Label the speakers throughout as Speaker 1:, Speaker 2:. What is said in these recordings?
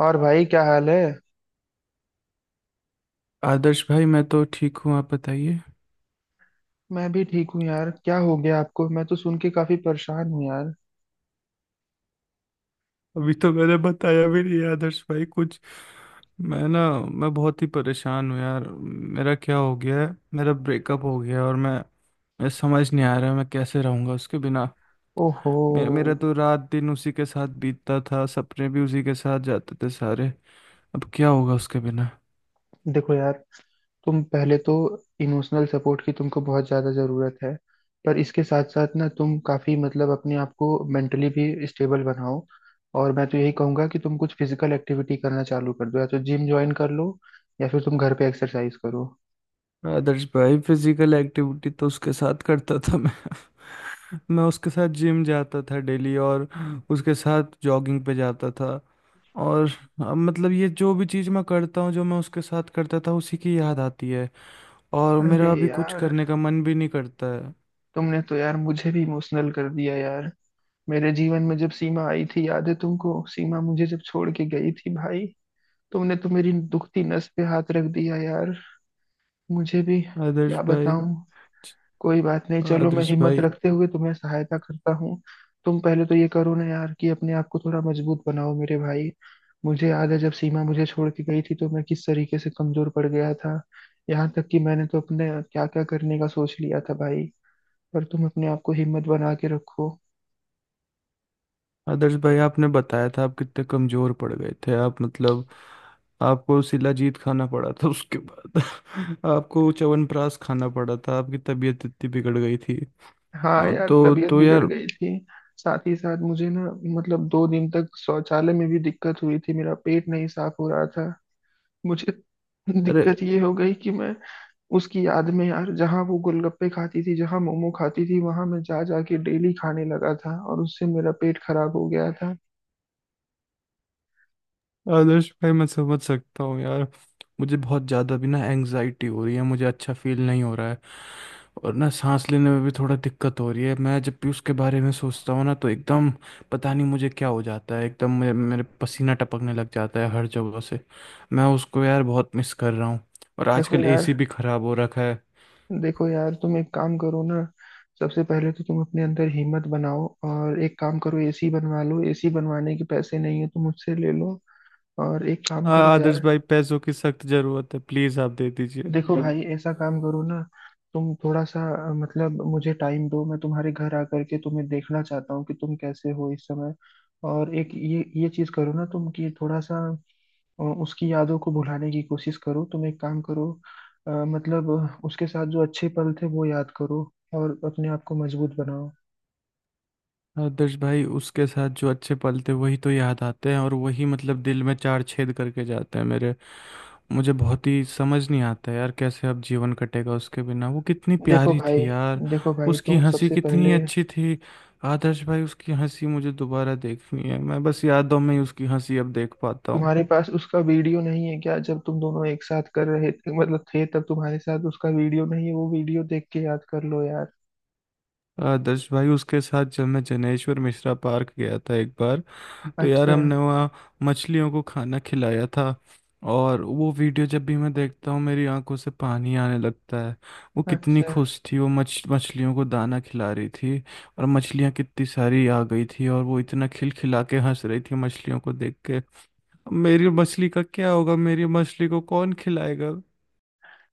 Speaker 1: और भाई क्या हाल है?
Speaker 2: आदर्श भाई, मैं तो ठीक हूँ। आप बताइए।
Speaker 1: मैं भी ठीक हूँ यार, क्या हो गया आपको? मैं तो सुन के काफी परेशान हूँ यार।
Speaker 2: अभी तो मैंने बताया भी नहीं आदर्श भाई कुछ। मैं बहुत ही परेशान हूँ यार। मेरा क्या हो गया है? मेरा ब्रेकअप हो गया है और मैं समझ नहीं आ रहा मैं कैसे रहूँगा उसके बिना।
Speaker 1: ओहो,
Speaker 2: मेरा मेरा तो रात दिन उसी के साथ बीतता था। सपने भी उसी के साथ जाते थे सारे। अब क्या होगा उसके बिना?
Speaker 1: देखो यार, तुम पहले तो इमोशनल सपोर्ट की तुमको बहुत ज्यादा जरूरत है, पर इसके साथ साथ ना तुम काफी मतलब अपने आप को मेंटली भी स्टेबल बनाओ। और मैं तो यही कहूंगा कि तुम कुछ फिजिकल एक्टिविटी करना चालू कर दो, या तो जिम ज्वाइन कर लो या फिर तुम घर पे एक्सरसाइज करो।
Speaker 2: आदर्श भाई, फिजिकल एक्टिविटी तो उसके साथ करता था मैं मैं उसके साथ जिम जाता था डेली। और उसके साथ जॉगिंग पे जाता था। और अब मतलब ये जो भी चीज़ मैं करता हूँ जो मैं उसके साथ करता था उसी की याद आती है। और
Speaker 1: अरे
Speaker 2: मेरा अभी कुछ
Speaker 1: यार,
Speaker 2: करने का मन भी नहीं करता है।
Speaker 1: तुमने तो यार मुझे भी इमोशनल कर दिया यार। मेरे जीवन में जब सीमा आई थी, याद है तुमको, सीमा मुझे जब छोड़ के गई थी भाई, तुमने तो मेरी दुखती नस पे हाथ रख दिया यार। मुझे भी
Speaker 2: आदर्श
Speaker 1: क्या
Speaker 2: भाई
Speaker 1: बताऊं। कोई बात नहीं, चलो मैं
Speaker 2: आदर्श
Speaker 1: हिम्मत
Speaker 2: भाई
Speaker 1: रखते हुए तुम्हें सहायता करता हूँ। तुम पहले तो ये करो ना यार, कि अपने आप को थोड़ा मजबूत बनाओ मेरे भाई। मुझे याद है जब सीमा मुझे छोड़ के गई थी तो मैं किस तरीके से कमजोर पड़ गया था। यहाँ तक कि मैंने तो अपने क्या क्या करने का सोच लिया था भाई। पर तुम अपने आप को हिम्मत बना के रखो।
Speaker 2: आदर्श भाई, आपने बताया था आप कितने कमजोर पड़ गए थे आप मतलब। आपको शिलाजीत खाना पड़ा था उसके बाद। आपको च्यवनप्राश खाना पड़ा था। आपकी तबीयत इतनी बिगड़ गई थी।
Speaker 1: हाँ
Speaker 2: हाँ,
Speaker 1: यार,
Speaker 2: तो
Speaker 1: तबीयत
Speaker 2: तो
Speaker 1: बिगड़
Speaker 2: यार।
Speaker 1: गई थी। साथ ही साथ मुझे ना, मतलब दो दिन तक शौचालय में भी दिक्कत हुई थी, मेरा पेट नहीं साफ हो रहा था। मुझे
Speaker 2: अरे,
Speaker 1: दिक्कत ये हो गई कि मैं उसकी याद में यार, जहाँ वो गोलगप्पे खाती थी, जहाँ मोमो खाती थी, वहां मैं जा जा के डेली खाने लगा था और उससे मेरा पेट खराब हो गया था।
Speaker 2: आदर्श भाई मैं समझ सकता हूँ यार। मुझे बहुत ज़्यादा भी ना एंग्जाइटी हो रही है। मुझे अच्छा फील नहीं हो रहा है। और ना सांस लेने में भी थोड़ा दिक्कत हो रही है। मैं जब भी उसके बारे में सोचता हूँ ना तो एकदम, पता नहीं मुझे क्या हो जाता है। एकदम मेरे पसीना टपकने लग जाता है हर जगह से। मैं उसको यार बहुत मिस कर रहा हूँ। और
Speaker 1: देखो
Speaker 2: आजकल
Speaker 1: यार,
Speaker 2: एसी भी खराब हो रखा है।
Speaker 1: देखो यार, तुम एक काम करो ना, सबसे पहले तो तुम अपने अंदर हिम्मत बनाओ, और एक काम करो, एसी बनवा लो, एसी बनवाने के पैसे नहीं है तो मुझसे ले लो। और एक काम करो
Speaker 2: आदर्श
Speaker 1: यार,
Speaker 2: भाई पैसों की सख्त जरूरत है। प्लीज आप दे दीजिए।
Speaker 1: देखो तो भाई, ऐसा काम करो ना, तुम थोड़ा सा मतलब मुझे टाइम दो, मैं तुम्हारे घर आकर के तुम्हें देखना चाहता हूँ कि तुम कैसे हो इस समय। और एक ये चीज करो ना तुम, कि थोड़ा सा उसकी यादों को भुलाने की कोशिश करो। तुम एक काम करो, मतलब उसके साथ जो अच्छे पल थे वो याद करो और अपने आप को मजबूत बनाओ।
Speaker 2: आदर्श भाई, उसके साथ जो अच्छे पल थे वही तो याद आते हैं। और वही मतलब दिल में चार छेद करके जाते हैं मेरे। मुझे बहुत ही समझ नहीं आता यार कैसे अब जीवन कटेगा उसके बिना। वो कितनी
Speaker 1: देखो
Speaker 2: प्यारी
Speaker 1: भाई,
Speaker 2: थी यार।
Speaker 1: देखो भाई,
Speaker 2: उसकी
Speaker 1: तुम
Speaker 2: हंसी
Speaker 1: सबसे पहले,
Speaker 2: कितनी अच्छी थी। आदर्श भाई, उसकी हंसी मुझे दोबारा देखनी है। मैं बस यादों में ही उसकी हंसी अब देख पाता हूँ।
Speaker 1: तुम्हारे पास उसका वीडियो नहीं है क्या? जब तुम दोनों एक साथ कर रहे थे, मतलब थे, तब तुम्हारे साथ उसका वीडियो नहीं है? वो वीडियो देख के याद कर लो यार।
Speaker 2: आदर्श भाई, उसके साथ जब मैं जनेश्वर मिश्रा पार्क गया था एक बार, तो यार
Speaker 1: अच्छा।
Speaker 2: हमने वहाँ मछलियों को खाना खिलाया था। और वो वीडियो जब भी मैं देखता हूँ मेरी आंखों से पानी आने लगता है। वो कितनी
Speaker 1: अच्छा,
Speaker 2: खुश थी। वो मछ मछलियों को दाना खिला रही थी। और मछलियाँ कितनी सारी आ गई थी। और वो इतना खिलखिला के हंस रही थी मछलियों को देख के। अब मेरी मछली का क्या होगा? मेरी मछली को कौन खिलाएगा?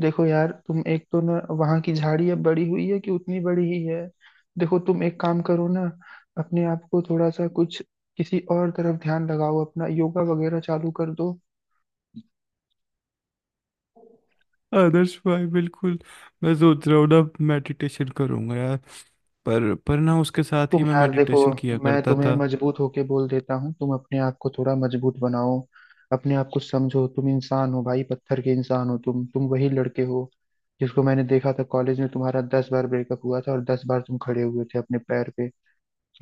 Speaker 1: देखो यार, तुम एक तो ना, वहां की झाड़ी अब बड़ी हुई है कि उतनी बड़ी ही है? देखो तुम एक काम करो ना, अपने आप को थोड़ा सा कुछ किसी और तरफ ध्यान लगाओ, अपना योगा वगैरह चालू कर दो।
Speaker 2: आदर्श भाई, बिल्कुल। मैं सोच रहा हूँ ना मेडिटेशन करूंगा यार। पर ना उसके साथ ही
Speaker 1: तुम
Speaker 2: मैं
Speaker 1: यार देखो,
Speaker 2: मेडिटेशन किया
Speaker 1: मैं
Speaker 2: करता
Speaker 1: तुम्हें
Speaker 2: था।
Speaker 1: मजबूत होके बोल देता हूँ, तुम अपने आप को थोड़ा मजबूत बनाओ, अपने आप को समझो। तुम इंसान हो भाई, पत्थर के इंसान हो। तुम वही लड़के हो जिसको मैंने देखा था कॉलेज में। तुम्हारा 10 बार ब्रेकअप हुआ था और 10 बार तुम खड़े हुए थे अपने पैर पे।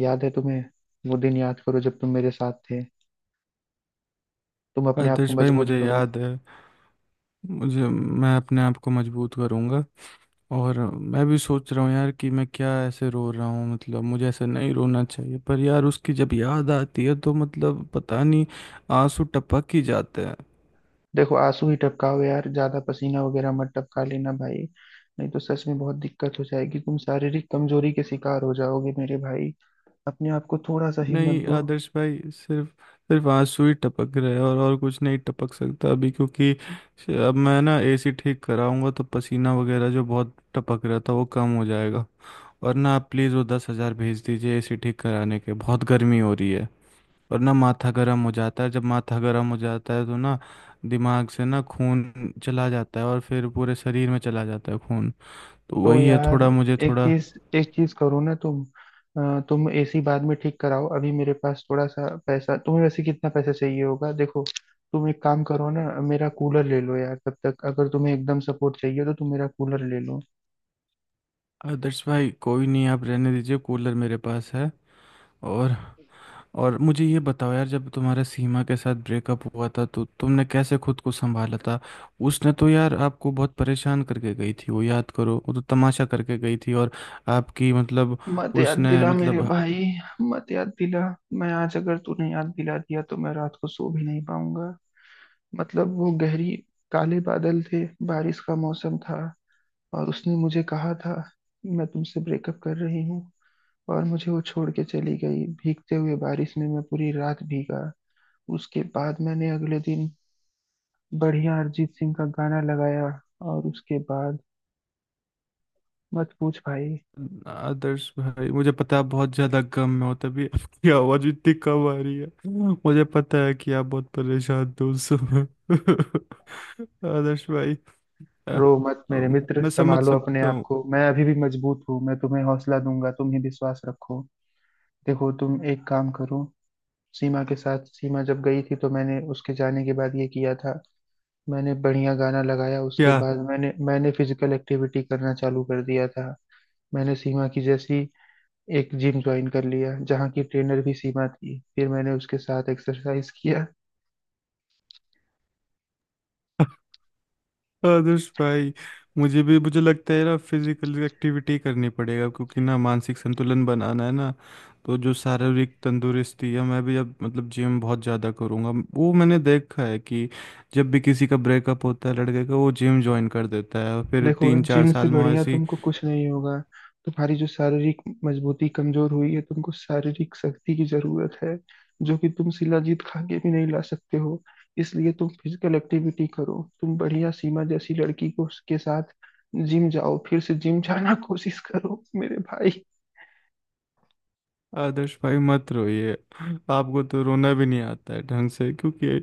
Speaker 1: याद है तुम्हें? वो दिन याद करो जब तुम मेरे साथ थे। तुम अपने आप को
Speaker 2: आदर्श भाई,
Speaker 1: मजबूत
Speaker 2: मुझे
Speaker 1: करो।
Speaker 2: याद है। मुझे, मैं अपने आप को मजबूत करूँगा। और मैं भी सोच रहा हूँ यार कि मैं क्या ऐसे रो रहा हूँ। मतलब मुझे ऐसे नहीं रोना चाहिए, पर यार उसकी जब याद आती है तो मतलब पता नहीं, आंसू टपक ही जाते हैं।
Speaker 1: देखो, आंसू ही टपकाओ यार, ज्यादा पसीना वगैरह मत टपका लेना भाई, नहीं तो सच में बहुत दिक्कत हो जाएगी, तुम शारीरिक कमजोरी के शिकार हो जाओगे मेरे भाई। अपने आप को थोड़ा सा हिम्मत
Speaker 2: नहीं
Speaker 1: दो।
Speaker 2: आदर्श भाई, सिर्फ सिर्फ आंसू ही टपक रहे हैं और कुछ नहीं टपक सकता अभी क्योंकि अब मैं ना एसी ठीक कराऊंगा तो पसीना वगैरह जो बहुत टपक रहा था वो कम हो जाएगा। और ना आप प्लीज़ वो 10,000 भेज दीजिए एसी ठीक कराने के। बहुत गर्मी हो रही है। और ना माथा गर्म हो जाता है। जब माथा गर्म हो जाता है तो ना दिमाग से ना खून चला जाता है और फिर पूरे शरीर में चला जाता है खून। तो
Speaker 1: तो
Speaker 2: वही है,
Speaker 1: यार,
Speaker 2: थोड़ा मुझे
Speaker 1: एक
Speaker 2: थोड़ा।
Speaker 1: चीज एक चीज करो ना तुम, तुम एसी बाद में ठीक कराओ, अभी मेरे पास थोड़ा सा पैसा, तुम्हें वैसे कितना पैसा चाहिए होगा? देखो, तुम एक काम करो ना, मेरा कूलर ले लो यार, तब तक अगर तुम्हें एकदम सपोर्ट चाहिए तो तुम मेरा कूलर ले लो।
Speaker 2: आदर्श भाई, कोई नहीं आप रहने दीजिए, कूलर मेरे पास है। और और मुझे ये बताओ यार जब तुम्हारा सीमा के साथ ब्रेकअप हुआ था तो तुमने कैसे खुद को संभाला था। उसने तो यार आपको बहुत परेशान करके गई थी। वो याद करो, वो तो तमाशा करके गई थी। और आपकी मतलब,
Speaker 1: मत याद
Speaker 2: उसने
Speaker 1: दिला मेरे
Speaker 2: मतलब,
Speaker 1: भाई, मत याद दिला। मैं आज अगर तूने याद दिला दिया तो मैं रात को सो भी नहीं पाऊंगा। मतलब वो गहरी, काले बादल थे, बारिश का मौसम था, और उसने मुझे कहा था, मैं तुमसे ब्रेकअप कर रही हूँ। और मुझे वो छोड़ के चली गई, भीगते हुए बारिश में मैं पूरी रात भीगा। उसके बाद मैंने अगले दिन बढ़िया अरिजीत सिंह का गाना लगाया, और उसके बाद मत पूछ भाई।
Speaker 2: आदर्श भाई, मुझे पता है आप बहुत ज्यादा गम में हो तभी आपकी आवाज इतनी कम आ रही है। मुझे पता है कि आप बहुत परेशान थे उस समय आदर्श भाई, अ,
Speaker 1: रो मत
Speaker 2: अ,
Speaker 1: मेरे मित्र,
Speaker 2: मैं समझ
Speaker 1: संभालो अपने
Speaker 2: सकता
Speaker 1: आप
Speaker 2: हूँ।
Speaker 1: को। मैं अभी भी मजबूत हूँ, मैं तुम्हें हौसला दूंगा, तुम ही विश्वास रखो। देखो तुम एक काम करो, सीमा के साथ, सीमा जब गई थी तो मैंने उसके जाने के बाद ये किया था, मैंने बढ़िया गाना लगाया। उसके
Speaker 2: क्या
Speaker 1: बाद मैंने मैंने फिजिकल एक्टिविटी करना चालू कर दिया था। मैंने सीमा की जैसी एक जिम ज्वाइन कर लिया जहाँ की ट्रेनर भी सीमा थी, फिर मैंने उसके साथ एक्सरसाइज किया।
Speaker 2: आदर्श भाई, मुझे लगता है ना फिजिकल एक्टिविटी करनी पड़ेगा क्योंकि ना मानसिक संतुलन बनाना है ना। तो जो शारीरिक तंदुरुस्ती है मैं भी अब मतलब जिम बहुत ज़्यादा करूँगा। वो मैंने देखा है कि जब भी किसी का ब्रेकअप होता है लड़के का, वो जिम ज्वाइन कर देता है और फिर
Speaker 1: देखो,
Speaker 2: तीन चार
Speaker 1: जिम से
Speaker 2: साल में
Speaker 1: बढ़िया
Speaker 2: ऐसी।
Speaker 1: तुमको कुछ नहीं होगा। तुम्हारी जो शारीरिक मजबूती कमजोर हुई है, तुमको शारीरिक शक्ति की जरूरत है, जो कि तुम शिलाजीत खा के भी नहीं ला सकते हो। इसलिए तुम फिजिकल एक्टिविटी करो, तुम बढ़िया सीमा जैसी लड़की को उसके साथ जिम जाओ, फिर से जिम जाना कोशिश करो मेरे भाई।
Speaker 2: आदर्श भाई, मत रोइए। आपको तो रोना भी नहीं आता है ढंग से क्योंकि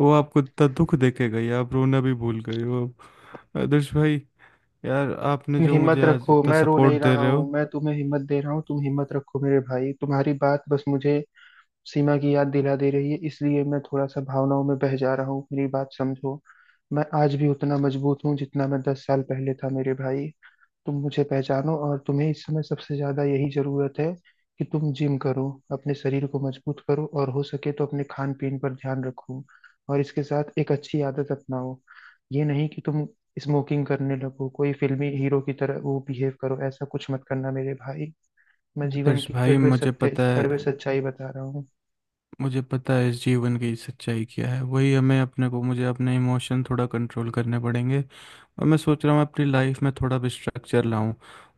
Speaker 2: वो आपको इतना दुख देके गई आप रोना भी भूल गए हो अब। आदर्श भाई, यार आपने
Speaker 1: तुम
Speaker 2: जो
Speaker 1: हिम्मत
Speaker 2: मुझे आज
Speaker 1: रखो,
Speaker 2: इतना
Speaker 1: मैं रो नहीं
Speaker 2: सपोर्ट दे
Speaker 1: रहा
Speaker 2: रहे हो।
Speaker 1: हूँ, मैं तुम्हें हिम्मत दे रहा हूँ। तुम हिम्मत रखो मेरे भाई, तुम्हारी बात बस मुझे सीमा की याद दिला दे रही है, इसलिए मैं थोड़ा सा भावनाओं में बह जा रहा हूँ, मेरी बात समझो। मैं आज भी उतना मजबूत हूँ जितना मैं 10 साल पहले था मेरे भाई। तुम मुझे पहचानो। और तुम्हें इस समय सबसे ज्यादा यही जरूरत है कि तुम जिम करो, अपने शरीर को मजबूत करो, और हो सके तो अपने खान पीन पर ध्यान रखो, और इसके साथ एक अच्छी आदत अपनाओ। ये नहीं कि तुम स्मोकिंग करने लगो कोई फिल्मी हीरो की तरह, वो बिहेव करो, ऐसा कुछ मत करना मेरे भाई। मैं जीवन
Speaker 2: आदर्श
Speaker 1: की
Speaker 2: भाई,
Speaker 1: कड़वे
Speaker 2: मुझे
Speaker 1: सत्य,
Speaker 2: पता है।
Speaker 1: कड़वे सच्चाई बता रहा हूँ।
Speaker 2: मुझे पता है इस जीवन की सच्चाई क्या है। वही हमें अपने को, मुझे अपने इमोशन थोड़ा कंट्रोल करने पड़ेंगे। और मैं सोच रहा हूँ अपनी लाइफ में थोड़ा भी स्ट्रक्चर लाऊं।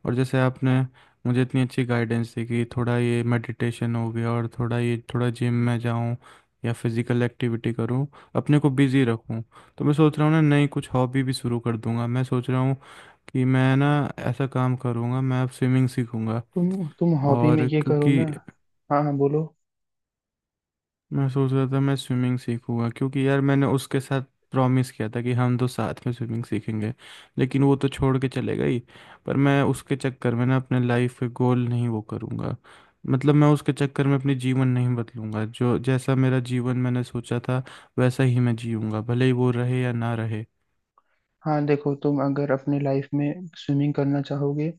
Speaker 2: और जैसे आपने मुझे इतनी अच्छी गाइडेंस दी कि थोड़ा ये मेडिटेशन हो गया और थोड़ा ये थोड़ा जिम में जाऊं या फिजिकल एक्टिविटी करूं, अपने को बिजी रखूं। तो मैं सोच रहा हूँ ना नई कुछ हॉबी भी शुरू कर दूंगा। मैं सोच रहा हूँ कि मैं ना ऐसा काम करूँगा, मैं अब स्विमिंग सीखूँगा।
Speaker 1: तुम हॉबी में
Speaker 2: और
Speaker 1: ये करो
Speaker 2: क्योंकि
Speaker 1: ना। हाँ हाँ, बोलो।
Speaker 2: मैं सोच रहा था मैं स्विमिंग सीखूँगा क्योंकि यार मैंने उसके साथ प्रॉमिस किया था कि हम दो साथ में स्विमिंग सीखेंगे। लेकिन वो तो छोड़ के चले गई। पर मैं उसके चक्कर में ना अपने लाइफ के गोल नहीं वो करूँगा। मतलब मैं उसके चक्कर में अपनी जीवन नहीं बदलूंगा। जो जैसा मेरा जीवन मैंने सोचा था वैसा ही मैं जीऊँगा भले ही वो रहे या ना रहे।
Speaker 1: हाँ, देखो, तुम अगर अपने लाइफ में स्विमिंग करना चाहोगे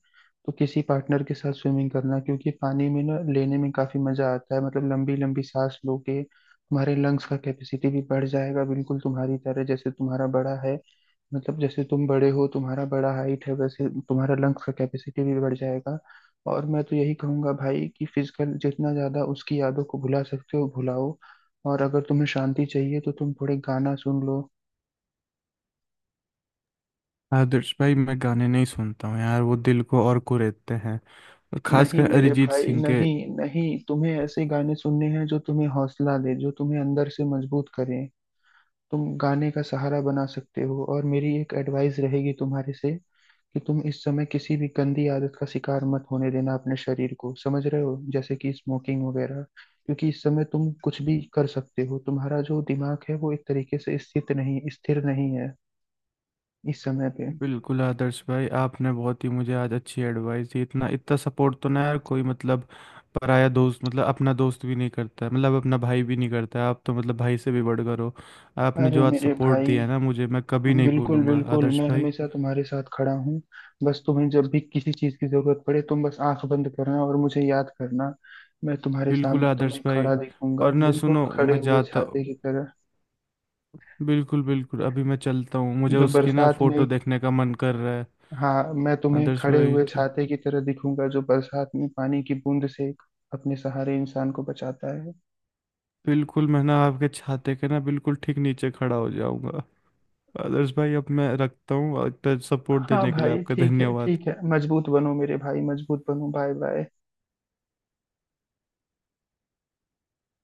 Speaker 1: तो किसी पार्टनर के साथ स्विमिंग करना, क्योंकि पानी में ना लेने में काफी मजा आता है, मतलब लंबी लंबी सांस लोगे, तुम्हारे लंग्स का कैपेसिटी भी बढ़ जाएगा, बिल्कुल तुम्हारी तरह जैसे तुम्हारा बड़ा है। मतलब जैसे तुम बड़े हो, तुम्हारा बड़ा हाइट है, वैसे तुम्हारा लंग्स का कैपेसिटी भी बढ़ जाएगा। और मैं तो यही कहूंगा भाई कि फिजिकल जितना ज्यादा उसकी यादों को भुला सकते हो भुलाओ। और अगर तुम्हें शांति चाहिए तो तुम थोड़े गाना सुन लो।
Speaker 2: आदर्श भाई, मैं गाने नहीं सुनता हूँ यार, वो दिल को और कुरेदते हैं। और
Speaker 1: नहीं
Speaker 2: खासकर
Speaker 1: मेरे
Speaker 2: अरिजीत
Speaker 1: भाई,
Speaker 2: सिंह के।
Speaker 1: नहीं, नहीं, तुम्हें ऐसे गाने सुनने हैं जो तुम्हें हौसला दे, जो तुम्हें अंदर से मजबूत करें। तुम गाने का सहारा बना सकते हो। और मेरी एक एडवाइस रहेगी तुम्हारे से, कि तुम इस समय किसी भी गंदी आदत का शिकार मत होने देना अपने शरीर को, समझ रहे हो, जैसे कि स्मोकिंग वगैरह। क्योंकि इस समय तुम कुछ भी कर सकते हो, तुम्हारा जो दिमाग है वो एक तरीके से स्थित नहीं, स्थिर नहीं है इस समय पे।
Speaker 2: बिल्कुल आदर्श भाई, आपने बहुत ही मुझे आज अच्छी एडवाइस दी। इतना इतना सपोर्ट तो ना यार कोई मतलब पराया दोस्त, मतलब अपना दोस्त भी नहीं करता है। मतलब अपना भाई भी नहीं करता है। आप तो मतलब भाई से भी बढ़कर हो। आपने
Speaker 1: अरे
Speaker 2: जो आज
Speaker 1: मेरे
Speaker 2: सपोर्ट
Speaker 1: भाई,
Speaker 2: दिया है ना मुझे, मैं कभी नहीं
Speaker 1: बिल्कुल
Speaker 2: भूलूंगा
Speaker 1: बिल्कुल,
Speaker 2: आदर्श
Speaker 1: मैं
Speaker 2: भाई।
Speaker 1: हमेशा तुम्हारे साथ खड़ा हूँ। बस तुम्हें जब भी किसी चीज़ की जरूरत पड़े, तुम बस आंख बंद करना और मुझे याद करना, मैं तुम्हारे
Speaker 2: बिल्कुल
Speaker 1: सामने
Speaker 2: आदर्श
Speaker 1: तुम्हें
Speaker 2: भाई।
Speaker 1: खड़ा दिखूंगा,
Speaker 2: और ना
Speaker 1: बिल्कुल
Speaker 2: सुनो,
Speaker 1: खड़े
Speaker 2: मैं
Speaker 1: हुए
Speaker 2: जाता,
Speaker 1: छाते की तरह,
Speaker 2: बिल्कुल बिल्कुल अभी मैं चलता हूँ। मुझे
Speaker 1: जो
Speaker 2: उसकी ना
Speaker 1: बरसात में।
Speaker 2: फोटो देखने का मन कर रहा है।
Speaker 1: हाँ, मैं तुम्हें
Speaker 2: आदर्श
Speaker 1: खड़े
Speaker 2: भाई,
Speaker 1: हुए
Speaker 2: ठीक।
Speaker 1: छाते की तरह दिखूंगा जो बरसात में पानी की बूंद से अपने सहारे इंसान को बचाता है।
Speaker 2: बिल्कुल, मैं ना आपके छाते के ना बिल्कुल ठीक नीचे खड़ा हो जाऊंगा। आदर्श भाई, अब मैं रखता हूँ। और इतना सपोर्ट
Speaker 1: हाँ
Speaker 2: देने के लिए
Speaker 1: भाई,
Speaker 2: आपका
Speaker 1: ठीक है,
Speaker 2: धन्यवाद।
Speaker 1: ठीक है, मजबूत बनो मेरे भाई, मजबूत बनो, बाय बाय।